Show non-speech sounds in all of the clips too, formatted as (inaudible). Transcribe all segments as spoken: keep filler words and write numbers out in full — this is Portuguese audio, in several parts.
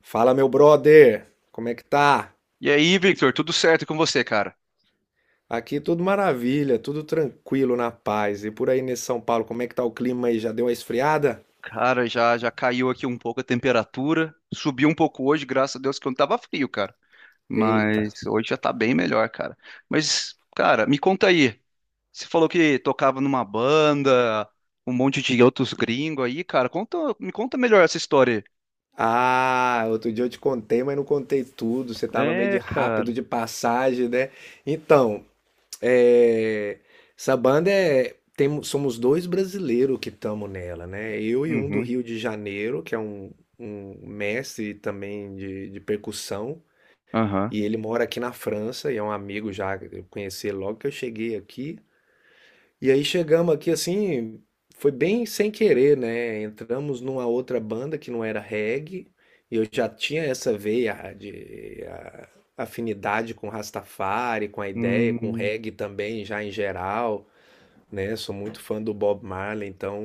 Fala, meu brother, como é que tá? E aí, Victor, tudo certo com você, cara? Aqui tudo maravilha, tudo tranquilo, na paz. E por aí nesse São Paulo, como é que tá o clima aí? Já deu uma esfriada? Cara, já já caiu aqui um pouco a temperatura, subiu um pouco hoje, graças a Deus que não tava frio, cara. Eita. Mas hoje já tá bem melhor, cara. Mas, cara, me conta aí. Você falou que tocava numa banda, um monte de outros gringos aí, cara. Conta, me conta melhor essa história. Ah, outro dia eu te contei, mas não contei tudo. Você tava meio Aí. de É, rápido cara. de passagem, né? Então, é, essa banda é. Temos, somos dois brasileiros que estamos nela, né? Eu e um do Uhum. Rio de Janeiro, que é um, um mestre também de, de percussão. Aham. E ele mora aqui na França e é um amigo já, eu conheci ele logo que eu cheguei aqui. E aí chegamos aqui assim, foi bem sem querer, né? Entramos numa outra banda que não era reggae, e eu já tinha essa veia de a- afinidade com Rastafari, com a ideia, com Hum. reggae também, já em geral, né? Sou muito fã do Bob Marley, então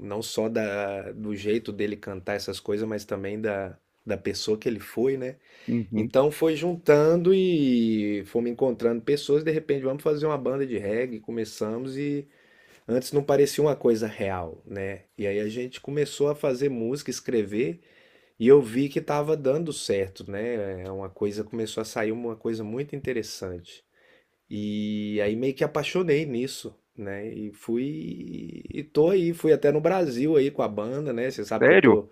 não só da, do jeito dele cantar essas coisas, mas também da, da pessoa que ele foi, né? Uhum. Então foi juntando e fomos encontrando pessoas, de repente vamos fazer uma banda de reggae, começamos e antes não parecia uma coisa real, né? E aí a gente começou a fazer música, escrever e eu vi que estava dando certo, né? É. Uma coisa começou a sair uma coisa muito interessante. E aí meio que apaixonei nisso, né? E fui e tô aí, fui até no Brasil aí com a banda, né? Você sabe que eu Sério? tô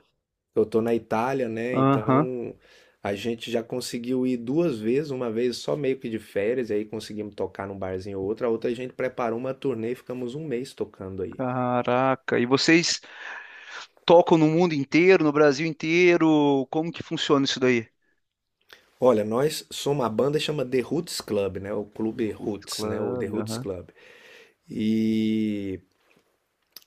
eu tô na Itália, né? Aham. Então a gente já conseguiu ir duas vezes, uma vez só meio que de férias, e aí conseguimos tocar num barzinho ou outro. A outra a gente preparou uma turnê e ficamos um mês tocando aí. Caraca. E vocês tocam no mundo inteiro, no Brasil inteiro? Como que funciona isso daí? Olha, nós somos uma banda que chama The Roots Club, né? O Clube Roots Roots, né? O The Club, Roots aham. Club. E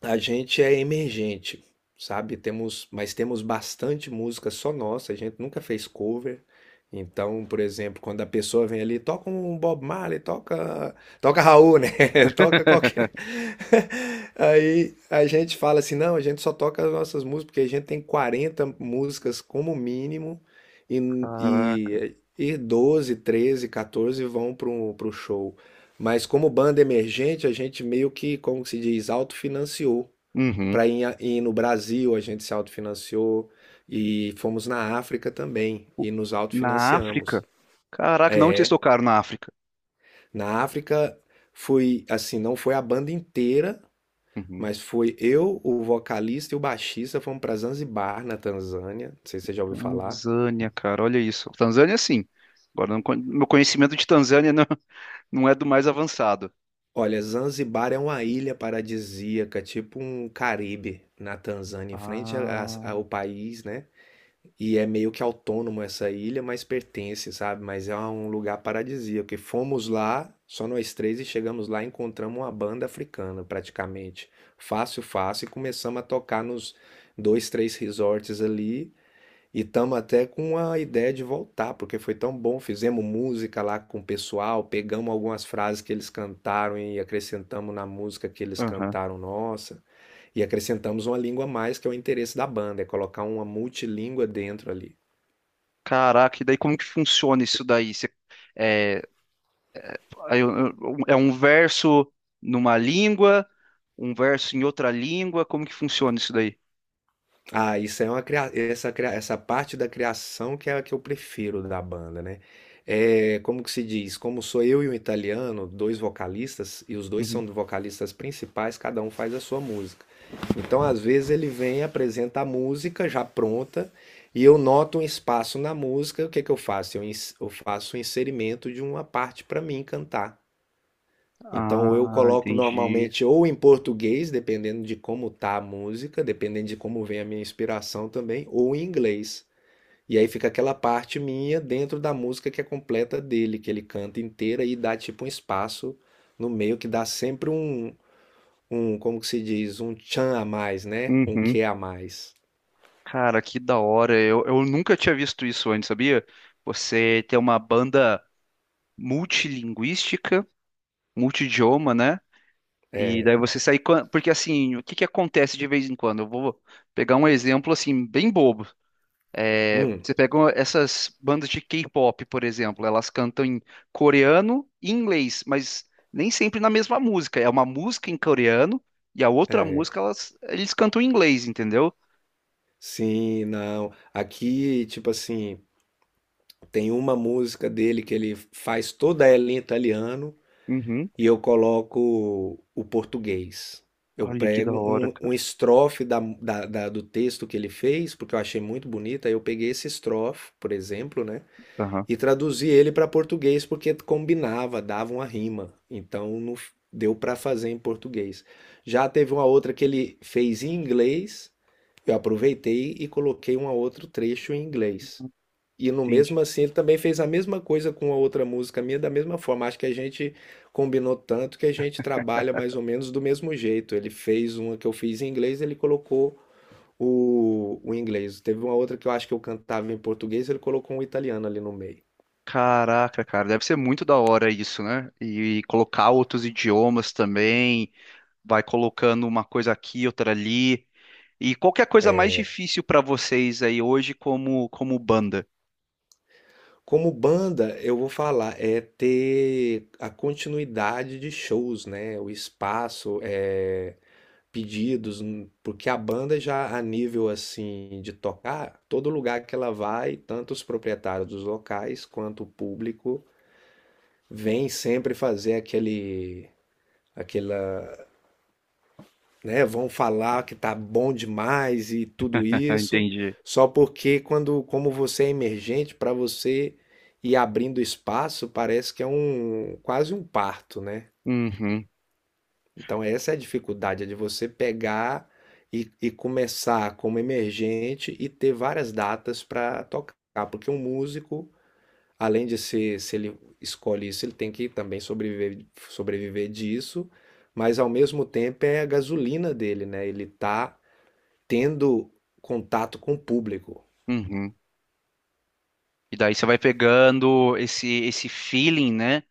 a gente é emergente, sabe? Temos, mas temos bastante música só nossa, a gente nunca fez cover. Então, por exemplo, quando a pessoa vem ali, toca um Bob Marley, toca, toca Raul, né? (laughs) Toca qualquer. (laughs) (laughs) Aí a gente fala assim, não, a gente só toca as nossas músicas, porque a gente tem quarenta músicas como mínimo e, Caraca. e, e doze, treze, quatorze vão para o show. Mas como banda emergente, a gente meio que, como que se diz, autofinanciou Uhum. para ir, ir no Brasil, a gente se autofinanciou e fomos na África também O- e nos Na autofinanciamos. África? Caraca, não, vocês É, tocaram na África. na África fui assim, não foi a banda inteira, Uhum. mas foi eu, o vocalista e o baixista fomos para Zanzibar, na Tanzânia. Não sei se você já ouviu falar. Tanzânia, cara, olha isso. Tanzânia, sim. Agora, não con- meu conhecimento de Tanzânia (laughs) não, não é do mais avançado. Olha, Zanzibar é uma ilha paradisíaca, tipo um Caribe na Tanzânia, em frente a- a- Ah. ao país, né? E é meio que autônomo essa ilha, mas pertence, sabe? Mas é um lugar paradisíaco. Porque fomos lá, só nós três, e chegamos lá e encontramos uma banda africana, praticamente. Fácil, fácil. E começamos a tocar nos dois, três resorts ali. E estamos até com a ideia de voltar, porque foi tão bom. Fizemos música lá com o pessoal, pegamos algumas frases que eles cantaram e acrescentamos na música que eles Aham. cantaram nossa. E acrescentamos uma língua a mais, que é o interesse da banda, é colocar uma multilíngua dentro ali. Caraca, e daí como que funciona isso daí? Você, Aí eu- eu- um, é um verso numa língua, um verso em outra língua, como que funciona isso daí? Ah, isso é uma cria... essa, cria- essa parte da criação que é a que eu prefiro da banda, né? É, como que se diz? Como sou eu e um italiano, dois vocalistas, e os dois Uhum. são vocalistas principais, cada um faz a sua música. Então, às vezes, ele vem e apresenta a música já pronta, e eu noto um espaço na música, o que que eu faço? Eu, ins- eu faço o inserimento de uma parte para mim cantar. Então eu Ah, coloco entendi. normalmente ou em português, dependendo de como tá a música, dependendo de como vem a minha inspiração também, ou em inglês. E aí fica aquela parte minha dentro da música que é completa dele, que ele canta inteira e dá tipo um espaço no meio que dá sempre um, um, como que se diz, um tchan a mais, né? Um Uhum. que a mais. Cara, que da hora. Eu, eu nunca tinha visto isso antes, sabia? Você tem uma banda multilinguística, multidioma, né? E daí você sai quan- Porque assim, o que que acontece de vez em quando? Eu vou pegar um exemplo assim, bem bobo. É, Hum, você pegou essas bandas de K-pop, por exemplo, elas cantam em coreano e inglês, mas nem sempre na mesma música. É uma música em coreano e a outra é. música elas, eles cantam em inglês, entendeu? Sim, não. Aqui, tipo assim, tem uma música dele que ele faz toda ela em italiano. Uhum. E eu coloco o português. Eu Olha que da prego hora, um, um cara. estrofe da, da, da- do texto que ele fez, porque eu achei muito bonita. Eu peguei esse estrofe, por exemplo, né? Aham, E traduzi ele para português, porque combinava, dava uma rima. Então no- deu para fazer em português. Já teve uma outra que ele fez em inglês, eu aproveitei e coloquei um outro trecho em inglês. E no entendi. mesmo assim, ele também fez a mesma coisa com a outra música minha, da mesma forma. Acho que a gente combinou tanto que a gente trabalha mais ou menos do mesmo jeito. Ele fez uma que eu fiz em inglês, ele colocou o, o inglês. Teve uma outra que eu acho que eu cantava em português, ele colocou um italiano ali no meio. Caraca, cara, deve ser muito da hora isso, né? E colocar outros idiomas também, vai colocando uma coisa aqui, outra ali. E qual que é a coisa mais difícil pra vocês aí hoje como como banda? Como banda, eu vou falar, é ter a continuidade de shows, né? O espaço, é pedidos, hum, porque a banda já a nível assim de tocar, todo lugar que ela vai, tanto os proprietários dos locais quanto o público vem sempre fazer aquele aquela, né, vão falar que tá bom demais e tudo (laughs) isso, Entendi. só porque quando como você é emergente, para você ir abrindo espaço, parece que é um quase um parto, né? Uhum, Então, essa é a dificuldade, é de você pegar e, e começar como emergente e ter várias datas para tocar, porque um músico, além de ser, se ele escolhe isso, ele tem que também sobreviver, sobreviver disso, mas ao mesmo tempo é a gasolina dele, né? Ele tá tendo contato com o público. uhum. E daí você vai pegando esse esse feeling, né,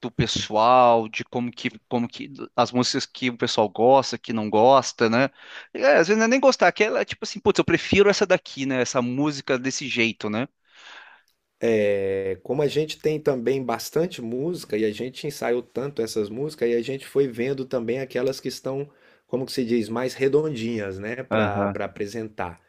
do pessoal, de como que como que as músicas que o pessoal gosta, que não gosta, né? É, às vezes não é nem gostar, que ela é tipo assim, putz, eu prefiro essa daqui, né, essa música desse jeito, né? É, como a gente tem também bastante música e a gente ensaiou tanto essas músicas, e a gente foi vendo também aquelas que estão, como que se diz, mais redondinhas, né, para Aham. para apresentar.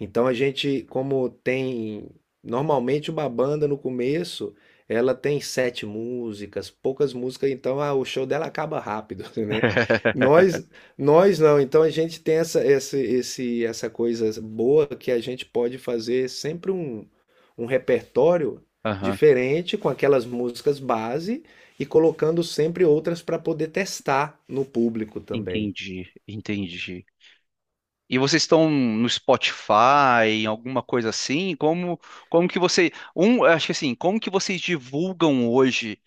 Então a gente, como tem normalmente uma banda no começo, ela tem sete músicas, poucas músicas, então ah, o show dela acaba rápido, (laughs) né? (laughs) Nós, nós não. Então a gente tem essa, essa, esse, essa coisa boa que a gente pode fazer sempre um, um repertório Aham. diferente com aquelas músicas base e colocando sempre outras para poder testar no público também. Entendi, entendi. E vocês estão no Spotify, em alguma coisa assim? Como, como que você, um, acho que assim, como que vocês divulgam hoje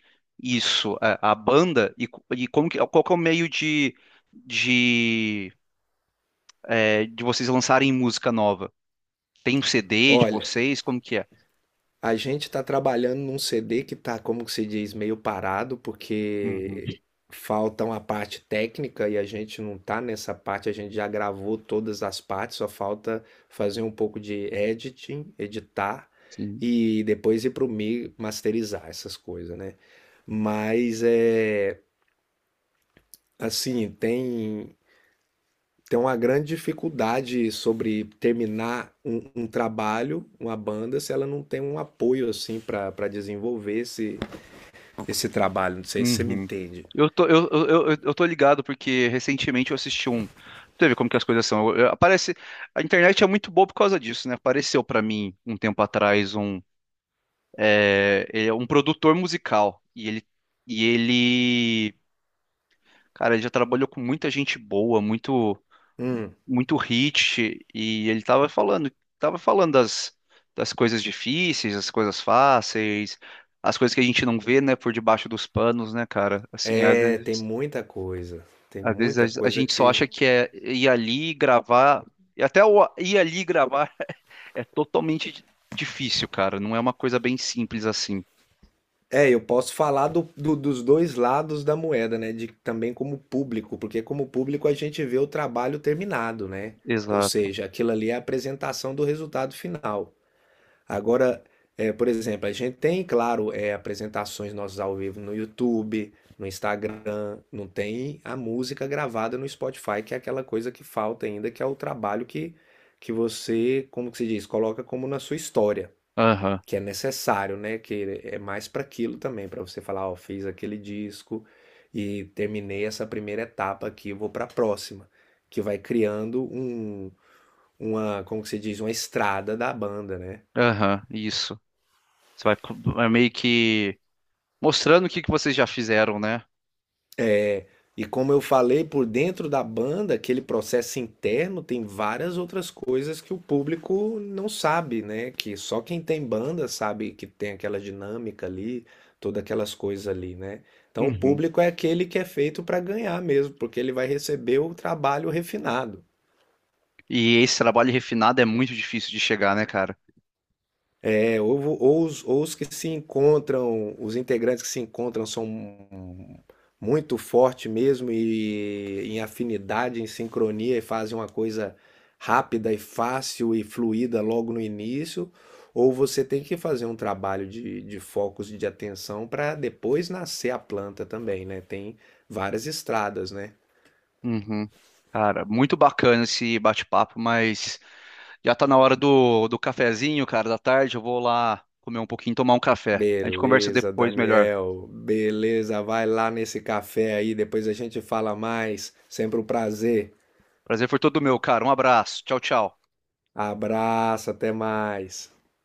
isso, a, a banda e, co- e como que, qual que é o meio de de, é, de vocês lançarem música nova? Tem um C D de Olha, vocês? Como que é? a gente está trabalhando num C D que está, como se diz, meio parado, Uhum. porque falta uma parte técnica e a gente não está nessa parte, a gente já gravou todas as partes, só falta fazer um pouco de editing, editar Sim. e depois ir para o mi masterizar essas coisas, né? Mas é assim, tem tem uma grande dificuldade sobre terminar um, um trabalho, uma banda, se ela não tem um apoio assim para para desenvolver esse, esse trabalho. Não sei se você me Uhum. entende. Eu tô, eu, eu, eu, eu tô ligado porque recentemente eu assisti um. Tu vê como que as coisas são. Eu- eu- aparece, a internet é muito boa por causa disso, né? Apareceu pra mim um tempo atrás um, é, é um produtor musical e ele, e ele, cara, ele já trabalhou com muita gente boa, muito, Hum, muito hit e ele tava falando, tava falando das, das coisas difíceis, as coisas fáceis, as coisas que a gente não vê, né, por debaixo dos panos, né, cara? Assim, às é, tem vezes. muita coisa. Tem Às muita vezes a, a coisa gente só que. acha que é ir ali gravar. E até o ir ali gravar é totalmente di- difícil, cara. Não é uma coisa bem simples assim. É, eu posso falar do, do- dos dois lados da moeda, né? De também como público, porque como público a gente vê o trabalho terminado, né? Ou Exato. seja, aquilo ali é a apresentação do resultado final. Agora, é, por exemplo, a gente tem, claro, é, apresentações nossas ao vivo no YouTube, no Instagram, não tem a música gravada no Spotify, que é aquela coisa que falta ainda, que é o trabalho que, que você, como que se diz, coloca como na sua história, Aham, que é necessário, né? Que é mais para aquilo também, para você falar, ó, fiz aquele disco e terminei essa primeira etapa aqui, vou para a próxima, que vai criando um, uma, como que se diz, uma estrada da banda, né? aham, isso. Você vai co- é meio que mostrando o que que vocês já fizeram, né? E como eu falei, por dentro da banda, aquele processo interno tem várias outras coisas que o público não sabe, né? Que só quem tem banda sabe que tem aquela dinâmica ali, todas aquelas coisas ali, né? Então o Uhum. público é aquele que é feito para ganhar mesmo, porque ele vai receber o trabalho refinado. E esse trabalho refinado é muito difícil de chegar, né, cara? É, ou, vo- ou os, ou os que se encontram, os integrantes que se encontram são muito fortes mesmo e em afinidade, em sincronia e fazem uma coisa rápida e fácil e fluida logo no início, ou você tem que fazer um trabalho de, de focos e de atenção para depois nascer a planta também, né? Tem várias estradas, né? Uhum. Cara, muito bacana esse bate-papo, mas já tá na hora do, do cafezinho, cara, da tarde. Eu vou lá comer um pouquinho, tomar um café. A gente conversa Beleza, depois melhor. Daniel. Beleza, vai lá nesse café aí, depois a gente fala mais. Sempre um prazer. Prazer foi todo meu, cara. Um abraço. Tchau, tchau. Abraço, até mais.